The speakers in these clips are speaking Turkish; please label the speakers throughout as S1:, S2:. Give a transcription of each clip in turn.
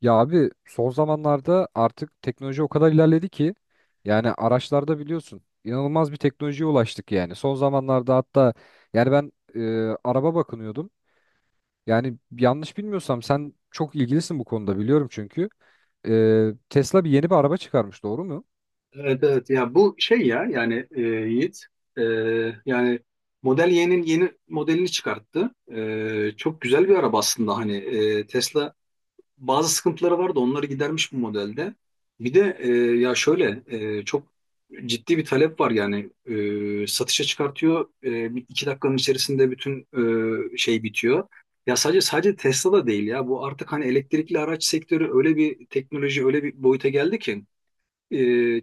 S1: Ya abi son zamanlarda artık teknoloji o kadar ilerledi ki yani araçlarda biliyorsun inanılmaz bir teknolojiye ulaştık yani. Son zamanlarda hatta yani ben araba bakınıyordum. Yani yanlış bilmiyorsam sen çok ilgilisin bu konuda biliyorum çünkü. Tesla bir yeni bir araba çıkarmış, doğru mu?
S2: Evet, evet, ya bu şey ya yani Yiğit, e, yani Model Y'nin yeni modelini çıkarttı. Çok güzel bir araba aslında, hani Tesla bazı sıkıntıları vardı, onları gidermiş bu modelde. Bir de, ya şöyle, çok ciddi bir talep var yani. Satışa çıkartıyor, iki dakikanın içerisinde bütün şey bitiyor. Ya sadece Tesla da değil ya, bu artık hani elektrikli araç sektörü öyle bir teknoloji, öyle bir boyuta geldi ki. E,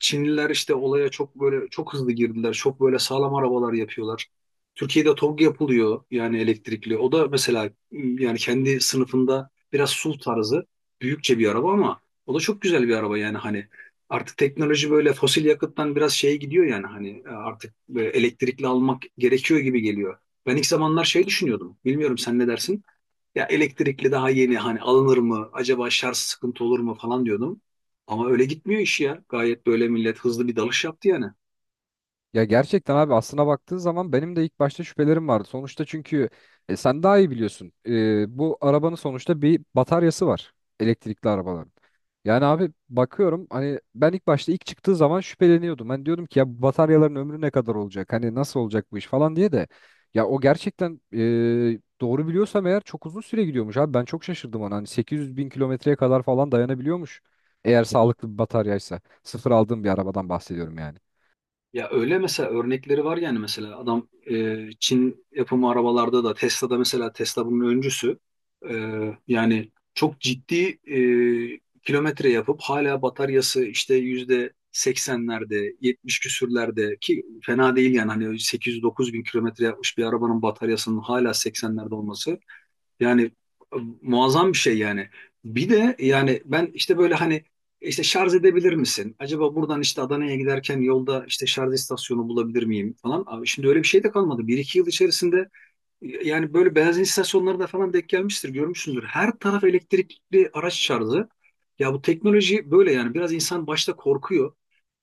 S2: Çinliler işte olaya çok böyle çok hızlı girdiler. Çok böyle sağlam arabalar yapıyorlar. Türkiye'de TOG yapılıyor yani, elektrikli. O da mesela yani kendi sınıfında biraz SUV tarzı büyükçe bir araba, ama o da çok güzel bir araba yani. Hani artık teknoloji böyle fosil yakıttan biraz şeye gidiyor yani, hani artık elektrikli almak gerekiyor gibi geliyor. Ben ilk zamanlar şey düşünüyordum. Bilmiyorum, sen ne dersin? Ya elektrikli daha yeni, hani alınır mı? Acaba şarj sıkıntı olur mu falan diyordum. Ama öyle gitmiyor iş ya. Gayet böyle millet hızlı bir dalış yaptı yani.
S1: Ya gerçekten abi aslına baktığı zaman benim de ilk başta şüphelerim vardı. Sonuçta çünkü sen daha iyi biliyorsun. Bu arabanın sonuçta bir bataryası var. Elektrikli arabaların. Yani abi bakıyorum, hani ben ilk başta, ilk çıktığı zaman şüpheleniyordum. Ben diyordum ki ya bu bataryaların ömrü ne kadar olacak? Hani nasıl olacak bu iş falan diye de. Ya o gerçekten doğru biliyorsam eğer çok uzun süre gidiyormuş abi. Ben çok şaşırdım ona. Hani 800 bin kilometreye kadar falan dayanabiliyormuş. Eğer sağlıklı bir bataryaysa. Sıfır aldığım bir arabadan bahsediyorum yani.
S2: Ya öyle, mesela örnekleri var yani, mesela adam, Çin yapımı arabalarda da, Tesla'da, mesela Tesla bunun öncüsü. E, yani çok ciddi kilometre yapıp hala bataryası işte yüzde seksenlerde, 70 küsürlerde ki fena değil yani, hani 800-9 bin kilometre yapmış bir arabanın bataryasının hala seksenlerde olması, yani e, muazzam bir şey yani. Bir de yani ben işte böyle hani işte şarj edebilir misin? Acaba buradan işte Adana'ya giderken yolda işte şarj istasyonu bulabilir miyim falan. Abi şimdi öyle bir şey de kalmadı. Bir iki yıl içerisinde yani böyle benzin istasyonlarında falan denk gelmiştir, görmüşsündür. Her taraf elektrikli araç şarjı. Ya bu teknoloji böyle yani biraz insan başta korkuyor.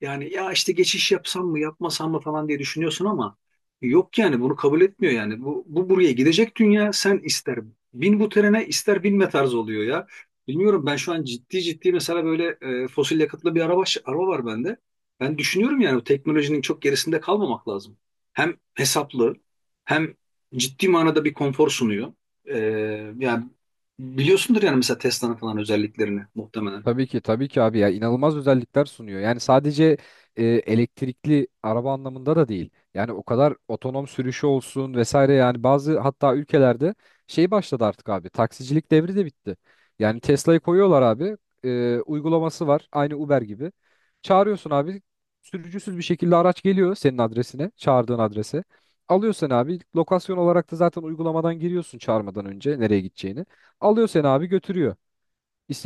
S2: Yani ya işte geçiş yapsam mı yapmasam mı falan diye düşünüyorsun, ama yok yani, bunu kabul etmiyor yani. Bu buraya gidecek dünya, sen ister bin bu trene, ister binme tarzı oluyor ya. Bilmiyorum, ben şu an ciddi ciddi mesela böyle fosil yakıtlı bir araba var bende. Ben düşünüyorum yani, bu teknolojinin çok gerisinde kalmamak lazım. Hem hesaplı, hem ciddi manada bir konfor sunuyor. Ee, Yani biliyorsundur yani, mesela Tesla'nın falan özelliklerini muhtemelen.
S1: Tabii ki, tabii ki abi, ya inanılmaz özellikler sunuyor. Yani sadece elektrikli araba anlamında da değil. Yani o kadar otonom sürüşü olsun vesaire, yani bazı hatta ülkelerde şey başladı artık abi. Taksicilik devri de bitti. Yani Tesla'yı koyuyorlar abi. Uygulaması var aynı Uber gibi. Çağırıyorsun abi, sürücüsüz bir şekilde araç geliyor senin adresine, çağırdığın adrese. Alıyor seni abi, lokasyon olarak da zaten uygulamadan giriyorsun çağırmadan önce nereye gideceğini. Alıyor seni abi, götürüyor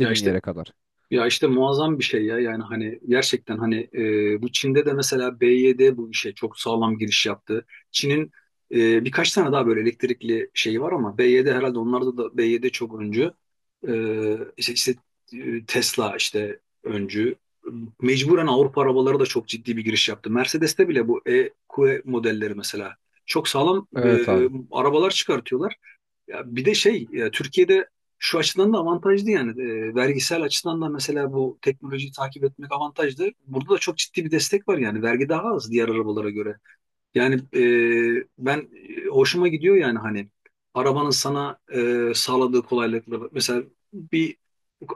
S2: Ya işte
S1: yere kadar.
S2: Ya işte muazzam bir şey ya yani, hani gerçekten hani bu Çin'de de mesela BYD bu işe çok sağlam giriş yaptı. Çin'in birkaç tane daha böyle elektrikli şeyi var, ama BYD herhalde, onlarda da BYD çok öncü. E, işte, işte, Tesla işte öncü. Mecburen Avrupa arabaları da çok ciddi bir giriş yaptı. Mercedes'te bile bu EQ modelleri mesela çok sağlam
S1: Evet abi.
S2: arabalar çıkartıyorlar. Ya bir de şey ya, Türkiye'de şu açıdan da avantajlı yani. Vergisel açıdan da mesela bu teknolojiyi takip etmek avantajlı. Burada da çok ciddi bir destek var yani, vergi daha az diğer arabalara göre. Yani ben, hoşuma gidiyor yani, hani arabanın sana sağladığı kolaylıkları. Mesela bir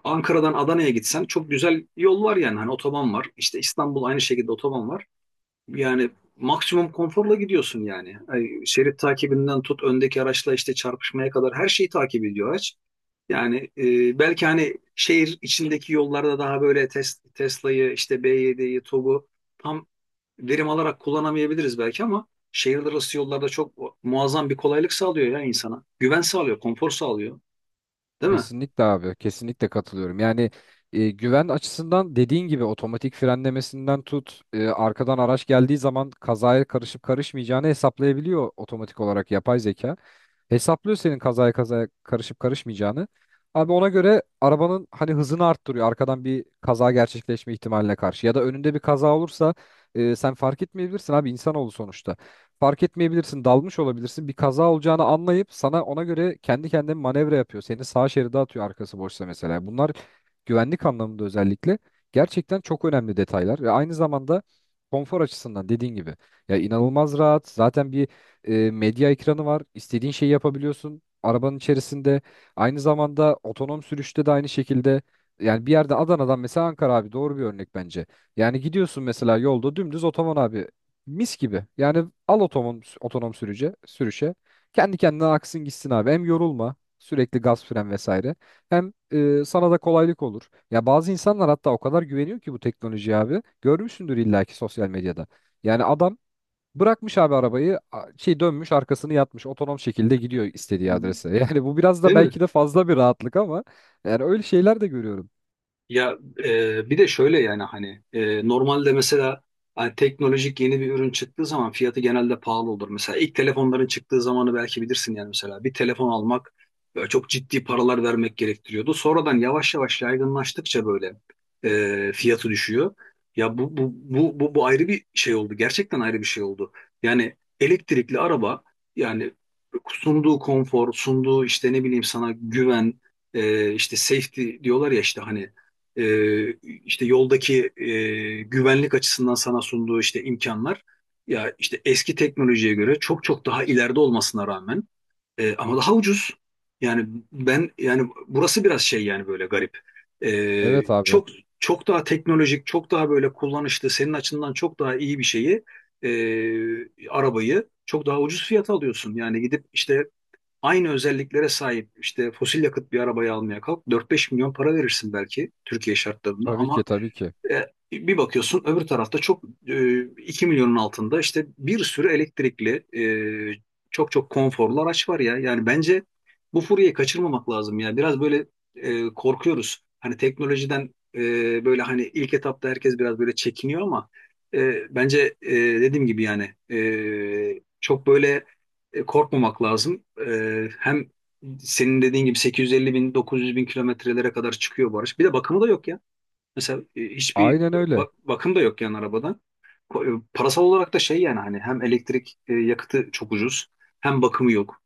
S2: Ankara'dan Adana'ya gitsen çok güzel yol var yani, hani otoban var. İşte İstanbul aynı şekilde otoban var. Yani maksimum konforla gidiyorsun yani. Ay, şerit takibinden tut, öndeki araçla işte çarpışmaya kadar her şeyi takip ediyor araç. Yani belki hani şehir içindeki yollarda daha böyle Tesla'yı, işte B7'yi, TOG'u tam verim alarak kullanamayabiliriz belki, ama şehirler arası yollarda çok muazzam bir kolaylık sağlıyor ya insana. Güven sağlıyor, konfor sağlıyor. Değil mi?
S1: Kesinlikle abi. Kesinlikle katılıyorum. Yani güven açısından dediğin gibi otomatik frenlemesinden tut, arkadan araç geldiği zaman kazaya karışıp karışmayacağını hesaplayabiliyor otomatik olarak yapay zeka. Hesaplıyor senin kazaya kazaya karışıp karışmayacağını. Abi ona göre arabanın hani hızını arttırıyor arkadan bir kaza gerçekleşme ihtimaline karşı. Ya da önünde bir kaza olursa sen fark etmeyebilirsin abi, insanoğlu sonuçta. Fark etmeyebilirsin, dalmış olabilirsin, bir kaza olacağını anlayıp sana ona göre kendi kendine manevra yapıyor. Seni sağ şeride atıyor arkası boşsa mesela. Bunlar güvenlik anlamında özellikle gerçekten çok önemli detaylar ve aynı zamanda konfor açısından dediğin gibi ya inanılmaz rahat. Zaten bir medya ekranı var. İstediğin şeyi yapabiliyorsun arabanın içerisinde. Aynı zamanda otonom sürüşte de aynı şekilde, yani bir yerde Adana'dan mesela Ankara abi, doğru bir örnek bence. Yani gidiyorsun mesela yolda dümdüz otonom abi, mis gibi. Yani al otonom otonom sürüce sürüşe. Kendi kendine aksın gitsin abi. Hem yorulma sürekli gaz, fren vesaire. Hem sana da kolaylık olur. Ya bazı insanlar hatta o kadar güveniyor ki bu teknolojiye abi. Görmüşsündür illaki sosyal medyada. Yani adam bırakmış abi arabayı, şey, dönmüş arkasını yatmış, otonom şekilde gidiyor istediği adrese. Yani bu biraz da
S2: Değil mi?
S1: belki de fazla bir rahatlık ama yani öyle şeyler de görüyorum.
S2: Ya, bir de şöyle yani, hani normalde mesela, hani teknolojik yeni bir ürün çıktığı zaman fiyatı genelde pahalı olur. Mesela ilk telefonların çıktığı zamanı belki bilirsin yani, mesela bir telefon almak böyle çok ciddi paralar vermek gerektiriyordu. Sonradan yavaş yavaş yaygınlaştıkça böyle fiyatı düşüyor. Ya bu ayrı bir şey oldu. Gerçekten ayrı bir şey oldu. Yani elektrikli araba yani, sunduğu konfor, sunduğu işte ne bileyim sana güven, işte safety diyorlar ya, işte hani e, işte yoldaki güvenlik açısından sana sunduğu işte imkanlar, ya işte eski teknolojiye göre çok çok daha ileride olmasına rağmen, ama daha ucuz. Yani ben yani, burası biraz şey yani, böyle garip. E,
S1: Evet abi,
S2: çok çok daha teknolojik, çok daha böyle kullanışlı, senin açından çok daha iyi bir şeyi, arabayı çok daha ucuz fiyata alıyorsun. Yani gidip işte aynı özelliklere sahip işte fosil yakıt bir arabayı almaya kalk, 4-5 milyon para verirsin belki Türkiye şartlarında,
S1: tabii ki,
S2: ama
S1: tabii ki,
S2: e, bir bakıyorsun öbür tarafta çok 2 milyonun altında işte bir sürü elektrikli, çok çok konforlu araç var ya. Yani bence bu furyayı kaçırmamak lazım ya. Biraz böyle korkuyoruz. Hani teknolojiden böyle, hani ilk etapta herkes biraz böyle çekiniyor, ama bence dediğim gibi yani çok böyle korkmamak lazım. Hem senin dediğin gibi 850 bin 900 bin kilometrelere kadar çıkıyor bu araç. Bir de bakımı da yok ya. Mesela hiçbir
S1: aynen öyle.
S2: bakım da yok yani arabadan. Parasal olarak da şey yani, hani hem elektrik yakıtı çok ucuz, hem bakımı yok.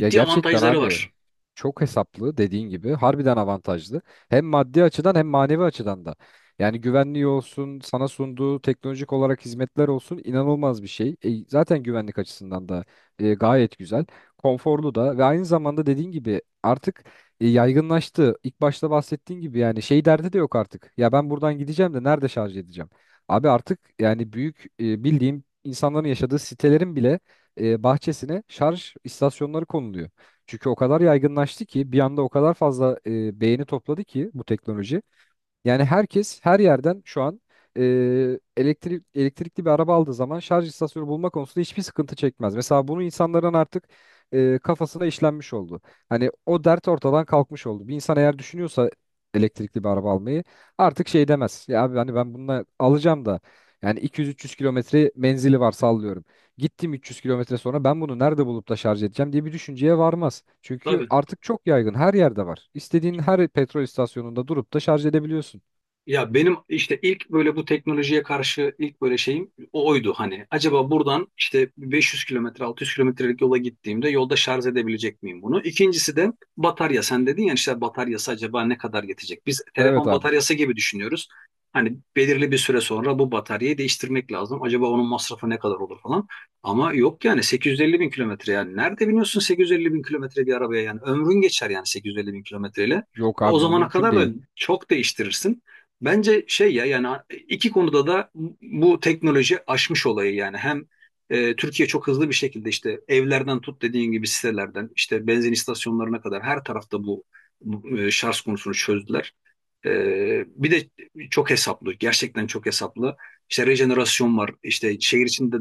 S1: Ya gerçekten
S2: avantajları var.
S1: abi çok hesaplı, dediğin gibi harbiden avantajlı. Hem maddi açıdan hem manevi açıdan da. Yani güvenliği olsun, sana sunduğu teknolojik olarak hizmetler olsun, inanılmaz bir şey. Zaten güvenlik açısından da gayet güzel, konforlu da ve aynı zamanda dediğin gibi artık yaygınlaştı. İlk başta bahsettiğin gibi yani şey derdi de yok artık. Ya ben buradan gideceğim de nerede şarj edeceğim? Abi artık yani büyük bildiğim insanların yaşadığı sitelerin bile bahçesine şarj istasyonları konuluyor. Çünkü o kadar yaygınlaştı ki bir anda, o kadar fazla beğeni topladı ki bu teknoloji. Yani herkes her yerden şu an e, elektrikli bir araba aldığı zaman şarj istasyonu bulma konusunda hiçbir sıkıntı çekmez. Mesela bunu insanların artık kafasına işlenmiş oldu. Hani o dert ortadan kalkmış oldu. Bir insan eğer düşünüyorsa elektrikli bir araba almayı artık şey demez. Ya abi hani ben bununla alacağım da yani 200-300 kilometre menzili var, sallıyorum. Gittim 300 kilometre sonra ben bunu nerede bulup da şarj edeceğim diye bir düşünceye varmaz. Çünkü
S2: Tabii.
S1: artık çok yaygın, her yerde var. İstediğin her petrol istasyonunda durup da şarj edebiliyorsun.
S2: Ya benim işte ilk böyle bu teknolojiye karşı ilk böyle şeyim o oydu hani. Acaba buradan işte 500 kilometre, 600 kilometrelik yola gittiğimde yolda şarj edebilecek miyim bunu? İkincisi de batarya. Sen dedin ya işte, bataryası acaba ne kadar yetecek? Biz
S1: Evet
S2: telefon
S1: abi.
S2: bataryası gibi düşünüyoruz. Hani belirli bir süre sonra bu bataryayı değiştirmek lazım. Acaba onun masrafı ne kadar olur falan. Ama yok yani, 850 bin kilometre yani. Nerede biniyorsun 850 bin kilometre bir arabaya yani. Ömrün geçer yani 850 bin kilometreyle.
S1: Yok
S2: O
S1: abi,
S2: zamana
S1: mümkün
S2: kadar da
S1: değil.
S2: çok değiştirirsin. Bence şey ya yani, iki konuda da bu teknoloji aşmış olayı yani. Hem Türkiye çok hızlı bir şekilde işte evlerden tut, dediğin gibi sitelerden, işte benzin istasyonlarına kadar her tarafta şarj konusunu çözdüler. Bir de çok hesaplı, gerçekten çok hesaplı, işte rejenerasyon var, işte şehir içinde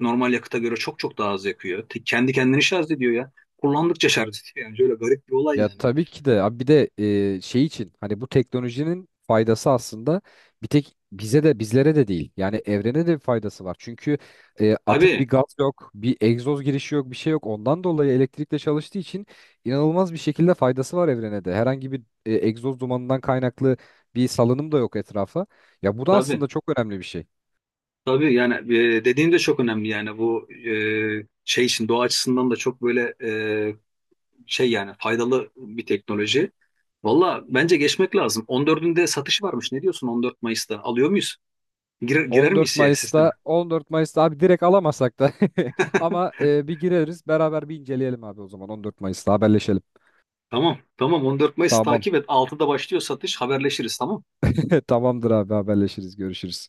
S2: normal yakıta göre çok çok daha az yakıyor. Kendi kendini şarj ediyor ya, kullandıkça şarj ediyor yani, şöyle garip bir olay
S1: Ya
S2: yani.
S1: tabii ki de abi, bir de şey için hani bu teknolojinin faydası aslında bir tek bize de, bizlere de değil. Yani evrene de bir faydası var. Çünkü atık
S2: Tabii,
S1: bir gaz yok, bir egzoz girişi yok, bir şey yok. Ondan dolayı elektrikle çalıştığı için inanılmaz bir şekilde faydası var evrene de. Herhangi bir egzoz dumanından kaynaklı bir salınım da yok etrafa. Ya bu da
S2: tabii.
S1: aslında çok önemli bir şey.
S2: Tabii yani, dediğin de çok önemli yani, bu şey için doğa açısından da çok böyle şey yani faydalı bir teknoloji. Valla bence geçmek lazım. 14'ünde satış varmış. Ne diyorsun 14 Mayıs'ta? Alıyor muyuz? Girer,
S1: On
S2: girer
S1: dört
S2: miyiz ya sisteme?
S1: Mayıs'ta 14 Mayıs'ta abi direkt alamasak da ama bir gireriz beraber, bir inceleyelim abi. O zaman 14 Mayıs'ta haberleşelim.
S2: Tamam. Tamam, 14 Mayıs
S1: Tamam.
S2: takip et. 6'da başlıyor satış. Haberleşiriz, tamam.
S1: Tamamdır abi, haberleşiriz. Görüşürüz.